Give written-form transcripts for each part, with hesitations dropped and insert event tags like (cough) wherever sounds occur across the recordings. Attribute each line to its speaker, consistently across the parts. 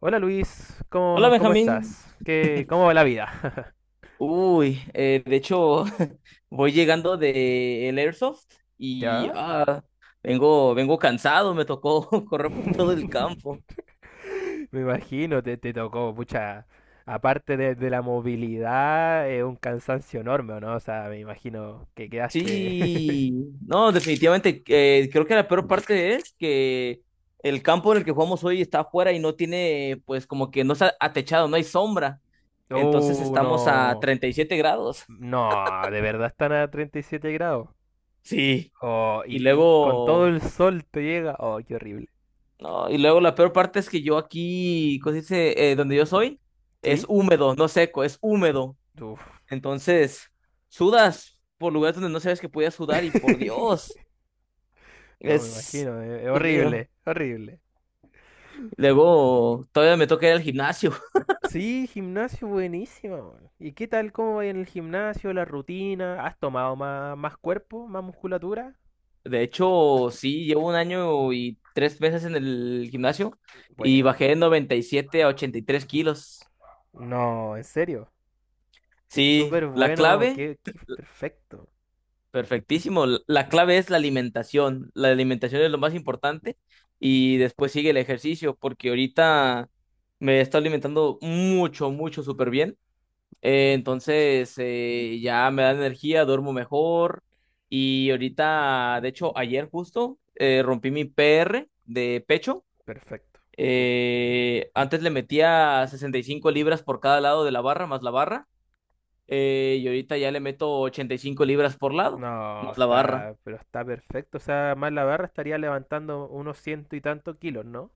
Speaker 1: Hola Luis,
Speaker 2: Hola
Speaker 1: ¿cómo
Speaker 2: Benjamín.
Speaker 1: estás? ¿Qué, cómo va la vida?
Speaker 2: Uy, de hecho, (laughs) voy llegando de el Airsoft
Speaker 1: (laughs)
Speaker 2: y
Speaker 1: ¿Ya?
Speaker 2: vengo cansado, me tocó (laughs) correr por todo el campo.
Speaker 1: (laughs) Me imagino, te tocó, pucha, aparte de la movilidad, es un cansancio enorme, ¿o no? O sea, me imagino que quedaste...
Speaker 2: Sí,
Speaker 1: (laughs)
Speaker 2: no, definitivamente, creo que la peor parte es que el campo en el que jugamos hoy está afuera y no tiene, pues, como que no está atechado, no hay sombra. Entonces estamos a
Speaker 1: No,
Speaker 2: 37 grados.
Speaker 1: no, ¿de verdad están a 37 grados?
Speaker 2: Sí,
Speaker 1: Oh,
Speaker 2: y
Speaker 1: y con todo
Speaker 2: luego
Speaker 1: el sol te llega, oh, qué horrible.
Speaker 2: no, y luego la peor parte es que yo aquí, ¿cómo se dice? Donde yo soy, es
Speaker 1: ¿Sí?
Speaker 2: húmedo, no seco, es húmedo.
Speaker 1: Uf.
Speaker 2: Entonces, sudas por lugares donde no sabes que podías sudar y, por Dios,
Speaker 1: (laughs) No, me
Speaker 2: es,
Speaker 1: imagino, es
Speaker 2: Dios mío.
Speaker 1: horrible, horrible.
Speaker 2: Luego, todavía me toca ir al gimnasio. (laughs)
Speaker 1: Sí, gimnasio buenísima, weón. ¿Y qué tal? ¿Cómo va en el gimnasio? ¿La rutina? ¿Has tomado más, más cuerpo? ¿Más musculatura?
Speaker 2: De hecho, sí, llevo 1 año y 3 meses en el gimnasio y
Speaker 1: Buena, weón.
Speaker 2: bajé de 97 a 83 kilos.
Speaker 1: No, en serio. Es
Speaker 2: Sí,
Speaker 1: súper
Speaker 2: la
Speaker 1: bueno.
Speaker 2: clave
Speaker 1: Qué, qué perfecto.
Speaker 2: perfectísimo. La clave es la alimentación. La alimentación es lo más importante y después sigue el ejercicio, porque ahorita me estoy alimentando mucho, mucho, súper bien. Ya me da energía, duermo mejor y ahorita, de hecho, ayer justo, rompí mi PR de pecho.
Speaker 1: Perfecto. Súper.
Speaker 2: Antes le metía 65 libras por cada lado de la barra, más la barra. Y ahorita ya le meto 85 libras por lado,
Speaker 1: No,
Speaker 2: más la barra.
Speaker 1: está, pero está perfecto. O sea, más la barra estaría levantando unos ciento y tantos kilos, ¿no?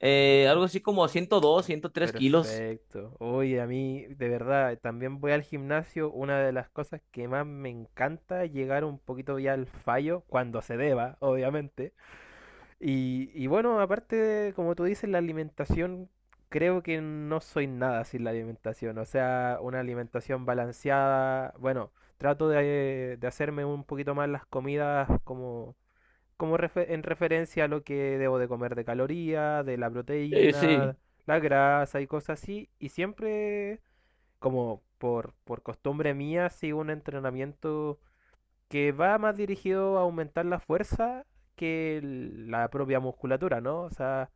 Speaker 2: Algo así como 102, 103 kilos.
Speaker 1: Perfecto. Oye, a mí, de verdad, también voy al gimnasio. Una de las cosas que más me encanta es llegar un poquito ya al fallo, cuando se deba, obviamente. Y bueno, aparte, de, como tú dices, la alimentación, creo que no soy nada sin la alimentación. O sea, una alimentación balanceada. Bueno, trato de hacerme un poquito más las comidas como en referencia a lo que debo de comer de calorías, de la
Speaker 2: Sí,
Speaker 1: proteína,
Speaker 2: sí.
Speaker 1: la grasa y cosas así. Y siempre, como por costumbre mía, sigo un entrenamiento que va más dirigido a aumentar la fuerza que la propia musculatura, ¿no? O sea,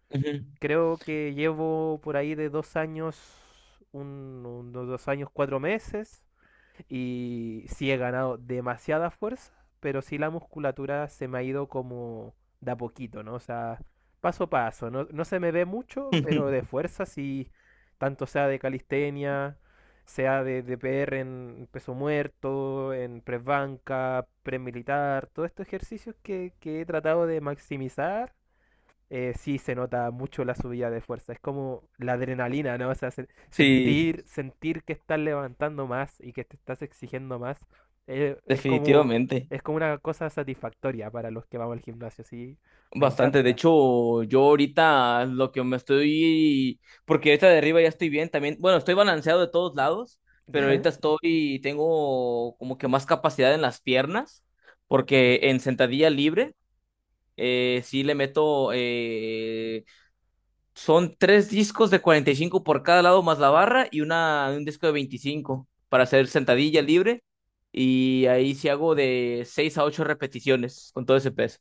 Speaker 1: creo que llevo por ahí de dos años, unos dos años, cuatro meses y sí he ganado demasiada fuerza, pero sí la musculatura se me ha ido como de a poquito, ¿no? O sea, paso a paso. No, no se me ve mucho,
Speaker 2: Ujú.
Speaker 1: pero de
Speaker 2: (laughs)
Speaker 1: fuerza sí, tanto sea de calistenia, sea de PR en peso muerto, en press banca, press militar, todos estos ejercicios que he tratado de maximizar sí se nota mucho la subida de fuerza. Es como la adrenalina, ¿no? O sea,
Speaker 2: Sí,
Speaker 1: sentir, sentir que estás levantando más y que te estás exigiendo más, eh, es como,
Speaker 2: definitivamente.
Speaker 1: es como una cosa satisfactoria para los que vamos al gimnasio, sí, me
Speaker 2: Bastante. De
Speaker 1: encanta.
Speaker 2: hecho, yo ahorita lo que me estoy, porque ahorita de arriba ya estoy bien también. Bueno, estoy balanceado de todos lados,
Speaker 1: (laughs)
Speaker 2: pero
Speaker 1: ¿Ya?
Speaker 2: ahorita estoy, tengo como que más capacidad en las piernas, porque en sentadilla libre, sí le meto son tres discos de 45 por cada lado más la barra y un disco de 25 para hacer sentadilla libre. Y ahí sí hago de 6 a 8 repeticiones con todo ese peso.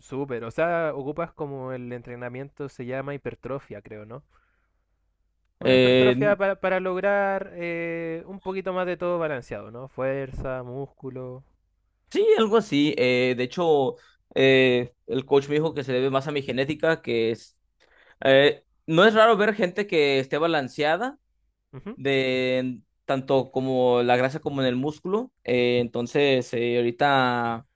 Speaker 1: Súper, o sea, ocupas como el entrenamiento se llama hipertrofia, creo, ¿no? Una hipertrofia
Speaker 2: Eh,
Speaker 1: para lograr un poquito más de todo balanceado, ¿no? Fuerza, músculo.
Speaker 2: sí, algo así. De hecho, el coach me dijo que se debe más a mi genética, que es... no es raro ver gente que esté balanceada
Speaker 1: Ujú.
Speaker 2: de tanto como la grasa como en el músculo. Entonces, ahorita...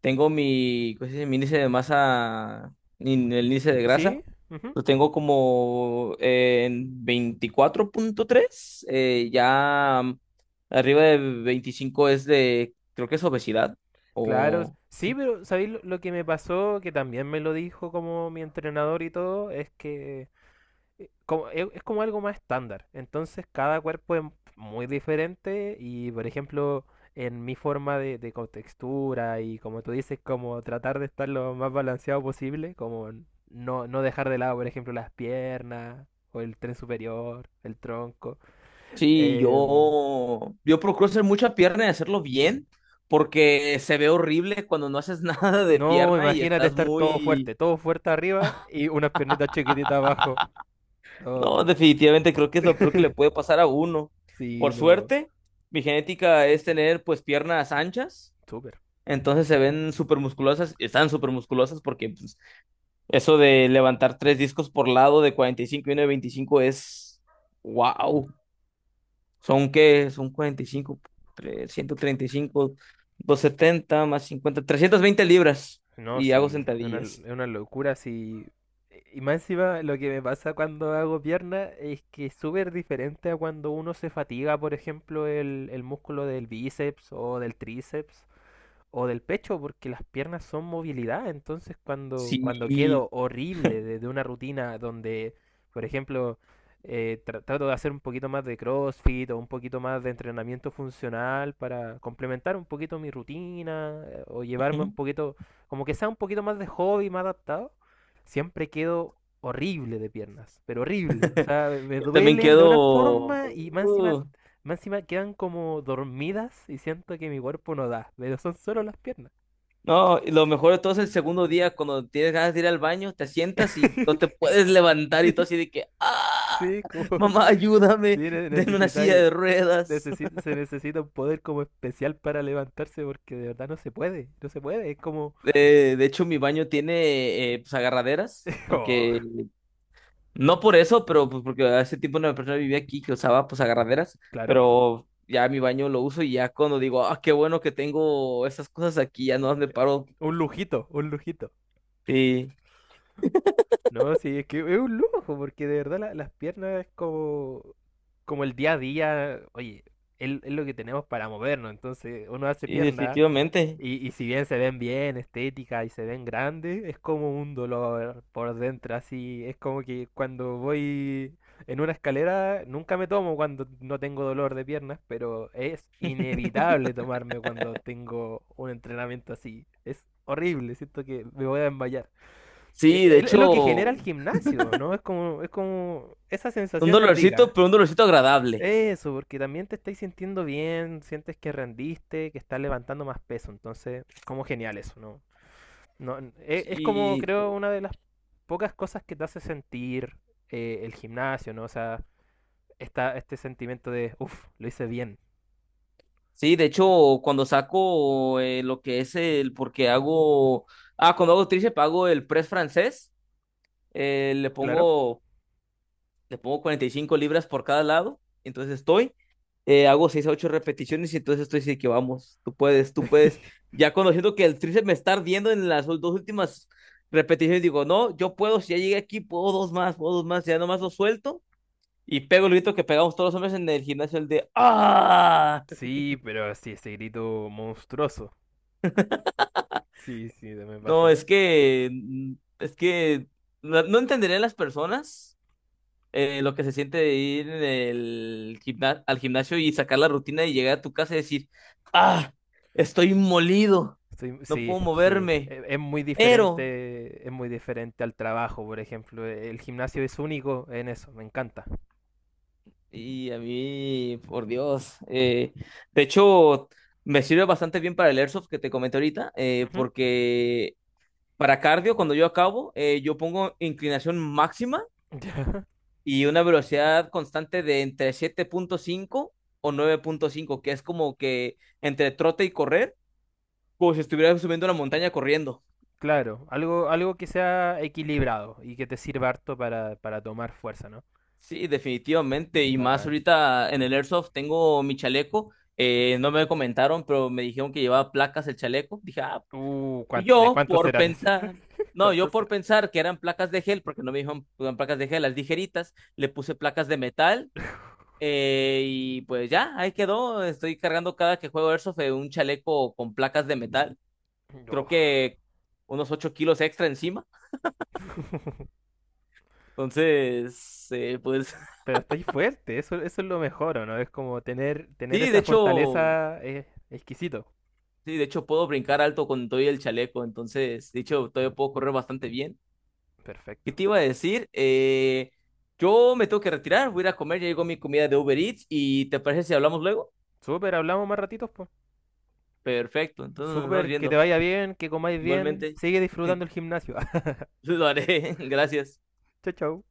Speaker 2: tengo mi, ¿cómo se dice? Mi índice de masa, el índice de grasa,
Speaker 1: ¿Sí? Ujú.
Speaker 2: lo tengo como, en 24.3, ya, arriba de 25 es de, creo que es obesidad,
Speaker 1: Claro,
Speaker 2: o...
Speaker 1: sí,
Speaker 2: Sí,
Speaker 1: pero ¿sabéis lo que me pasó? Que también me lo dijo como mi entrenador y todo, es que es como algo más estándar. Entonces cada cuerpo es muy diferente y, por ejemplo, en mi forma de contextura y como tú dices, como tratar de estar lo más balanceado posible, como no, no dejar de lado, por ejemplo, las piernas o el tren superior, el tronco.
Speaker 2: sí,
Speaker 1: em,
Speaker 2: yo procuro hacer mucha pierna y hacerlo bien, porque se ve horrible cuando no haces (laughs) nada de
Speaker 1: no,
Speaker 2: pierna y
Speaker 1: imagínate
Speaker 2: estás
Speaker 1: estar
Speaker 2: muy...
Speaker 1: todo fuerte arriba y unas piernitas chiquititas abajo.
Speaker 2: (laughs)
Speaker 1: No.
Speaker 2: No, definitivamente creo que es lo peor que le
Speaker 1: (laughs)
Speaker 2: puede pasar a uno.
Speaker 1: Sí,
Speaker 2: Por
Speaker 1: no.
Speaker 2: suerte, mi genética es tener, pues, piernas anchas,
Speaker 1: Súper.
Speaker 2: entonces se ven súper musculosas, están súper musculosas porque, pues, eso de levantar tres discos por lado de 45 y uno de 25 es wow. ¿Son qué? Son 45, 135, setenta más 50, veinte libras
Speaker 1: No,
Speaker 2: y hago
Speaker 1: sí.
Speaker 2: sentadillas.
Speaker 1: Es una locura, sí. Y más encima, lo que me pasa cuando hago pierna es que es súper diferente a cuando uno se fatiga, por ejemplo, el músculo del bíceps o del tríceps. O del pecho, porque las piernas son movilidad. Entonces, cuando quedo
Speaker 2: Sí.
Speaker 1: horrible de una rutina donde, por ejemplo, trato de hacer un poquito más de CrossFit o un poquito más de entrenamiento funcional para complementar un poquito mi rutina o llevarme un
Speaker 2: Ujú.
Speaker 1: poquito, como que sea un poquito más de hobby, más adaptado, siempre quedo horrible de piernas, pero horrible. O
Speaker 2: (laughs)
Speaker 1: sea, me
Speaker 2: Yo también
Speaker 1: duelen de una
Speaker 2: quedo...
Speaker 1: forma y más encima
Speaker 2: uh,
Speaker 1: más encima quedan como dormidas y siento que mi cuerpo no da, pero son solo las piernas.
Speaker 2: no, y lo mejor de todo es el segundo día, cuando tienes ganas de ir al baño, te sientas y no te
Speaker 1: (laughs)
Speaker 2: puedes levantar y
Speaker 1: Sí,
Speaker 2: todo así de que, ¡ah!
Speaker 1: sí, como...
Speaker 2: Mamá,
Speaker 1: (laughs) Sí,
Speaker 2: ayúdame, denme una silla
Speaker 1: necesitáis...
Speaker 2: de ruedas.
Speaker 1: Se necesita un poder como especial para levantarse porque de verdad no se puede, no se puede, es como...
Speaker 2: De hecho, mi baño tiene, pues, agarraderas,
Speaker 1: (laughs) Oh,
Speaker 2: porque no por eso, pero pues, porque hace tiempo una persona vivía aquí que usaba pues agarraderas,
Speaker 1: claro,
Speaker 2: pero ya mi baño lo uso y ya cuando digo, ah, qué bueno que tengo esas cosas aquí, ya no me paro.
Speaker 1: un lujito, un lujito.
Speaker 2: Sí,
Speaker 1: No, sí, es que es un lujo porque de verdad las piernas es como... Como el día a día, oye, es lo que tenemos para movernos, entonces uno hace
Speaker 2: sí,
Speaker 1: pierna.
Speaker 2: definitivamente.
Speaker 1: Y si bien se ven bien, estética y se ven grandes, es como un dolor por dentro, así. Es como que cuando voy en una escalera, nunca me tomo cuando no tengo dolor de piernas, pero es inevitable tomarme cuando tengo un entrenamiento así. Es horrible, siento que me voy a desmayar.
Speaker 2: Sí, de
Speaker 1: Es lo que genera
Speaker 2: hecho.
Speaker 1: el gimnasio, ¿no? Esa
Speaker 2: Un
Speaker 1: sensación es
Speaker 2: dolorcito,
Speaker 1: rica.
Speaker 2: pero un dolorcito agradable.
Speaker 1: Eso, porque también te estáis sintiendo bien, sientes que rendiste, que estás levantando más peso, entonces es como genial eso, ¿no? No, es como
Speaker 2: Y
Speaker 1: creo una de las pocas cosas que te hace sentir el gimnasio, ¿no? O sea, este sentimiento de, uff, lo hice bien,
Speaker 2: sí, de hecho, cuando saco, lo que es el, porque hago, ah, cuando hago tríceps hago el press francés, eh, le
Speaker 1: claro.
Speaker 2: pongo, le pongo 45 libras por cada lado, entonces estoy, hago 6 a 8 repeticiones y entonces estoy así que vamos, tú puedes, tú puedes.
Speaker 1: (laughs)
Speaker 2: Ya conociendo que el tríceps me está ardiendo en las dos últimas repeticiones, digo, no, yo puedo, si ya llegué aquí, puedo dos más, ya nomás lo suelto. Y pego el grito que pegamos todos los hombres en el gimnasio, el de ¡ah!
Speaker 1: Sí, pero sí, ese grito monstruoso. Sí, sí, me
Speaker 2: No, es
Speaker 1: pasa.
Speaker 2: que. Es que. No entenderían las personas, lo que se siente de ir en el al gimnasio y sacar la rutina y llegar a tu casa y decir ¡ah! Estoy molido.
Speaker 1: Sí,
Speaker 2: No
Speaker 1: sí,
Speaker 2: puedo
Speaker 1: sí.
Speaker 2: moverme. Pero.
Speaker 1: Es muy diferente al trabajo, por ejemplo. El gimnasio es único en eso, me encanta.
Speaker 2: Y a mí, por Dios. De hecho, me sirve bastante bien para el Airsoft que te comenté ahorita, porque. Para cardio, cuando yo acabo, yo pongo inclinación máxima
Speaker 1: Ya. (laughs)
Speaker 2: y una velocidad constante de entre 7.5 o 9.5, que es como que entre trote y correr, como si estuviera subiendo una montaña corriendo.
Speaker 1: Claro, algo, algo que sea equilibrado y que te sirva harto para tomar fuerza, ¿no?
Speaker 2: Sí, definitivamente. Y más
Speaker 1: Bacán.
Speaker 2: ahorita en el Airsoft tengo mi chaleco. No me comentaron, pero me dijeron que llevaba placas el chaleco. Dije, ah, y
Speaker 1: ¿De
Speaker 2: yo
Speaker 1: cuánto
Speaker 2: por
Speaker 1: serán esas?
Speaker 2: pensar,
Speaker 1: (laughs)
Speaker 2: no,
Speaker 1: ¿Cuánto
Speaker 2: yo por
Speaker 1: serán?
Speaker 2: pensar que eran placas de gel, porque no me dijeron que eran placas de gel, las ligeritas, le puse placas de metal. Y pues ya, ahí quedó. Estoy cargando cada que juego Airsoft, un chaleco con placas de metal. Creo
Speaker 1: No.
Speaker 2: que unos 8 kilos extra encima.
Speaker 1: (laughs)
Speaker 2: Entonces, pues
Speaker 1: Pero estoy fuerte, eso es lo mejor, ¿o no? Es como tener,
Speaker 2: (laughs)
Speaker 1: tener
Speaker 2: sí, de
Speaker 1: esa
Speaker 2: hecho,
Speaker 1: fortaleza es exquisito.
Speaker 2: sí, de hecho puedo brincar alto con todo y el chaleco. Entonces, de hecho, todavía puedo correr bastante bien. ¿Qué
Speaker 1: Perfecto.
Speaker 2: te iba a decir? Yo me tengo que retirar, voy a ir a comer, ya llegó mi comida de Uber Eats y ¿te parece si hablamos luego?
Speaker 1: Súper, hablamos más ratitos, pues.
Speaker 2: Perfecto, entonces nos vamos
Speaker 1: Súper, que te
Speaker 2: viendo.
Speaker 1: vaya bien, que comáis bien.
Speaker 2: Igualmente,
Speaker 1: Sigue disfrutando
Speaker 2: (laughs)
Speaker 1: el gimnasio. (laughs)
Speaker 2: lo haré. (laughs) Gracias.
Speaker 1: Chau, chao.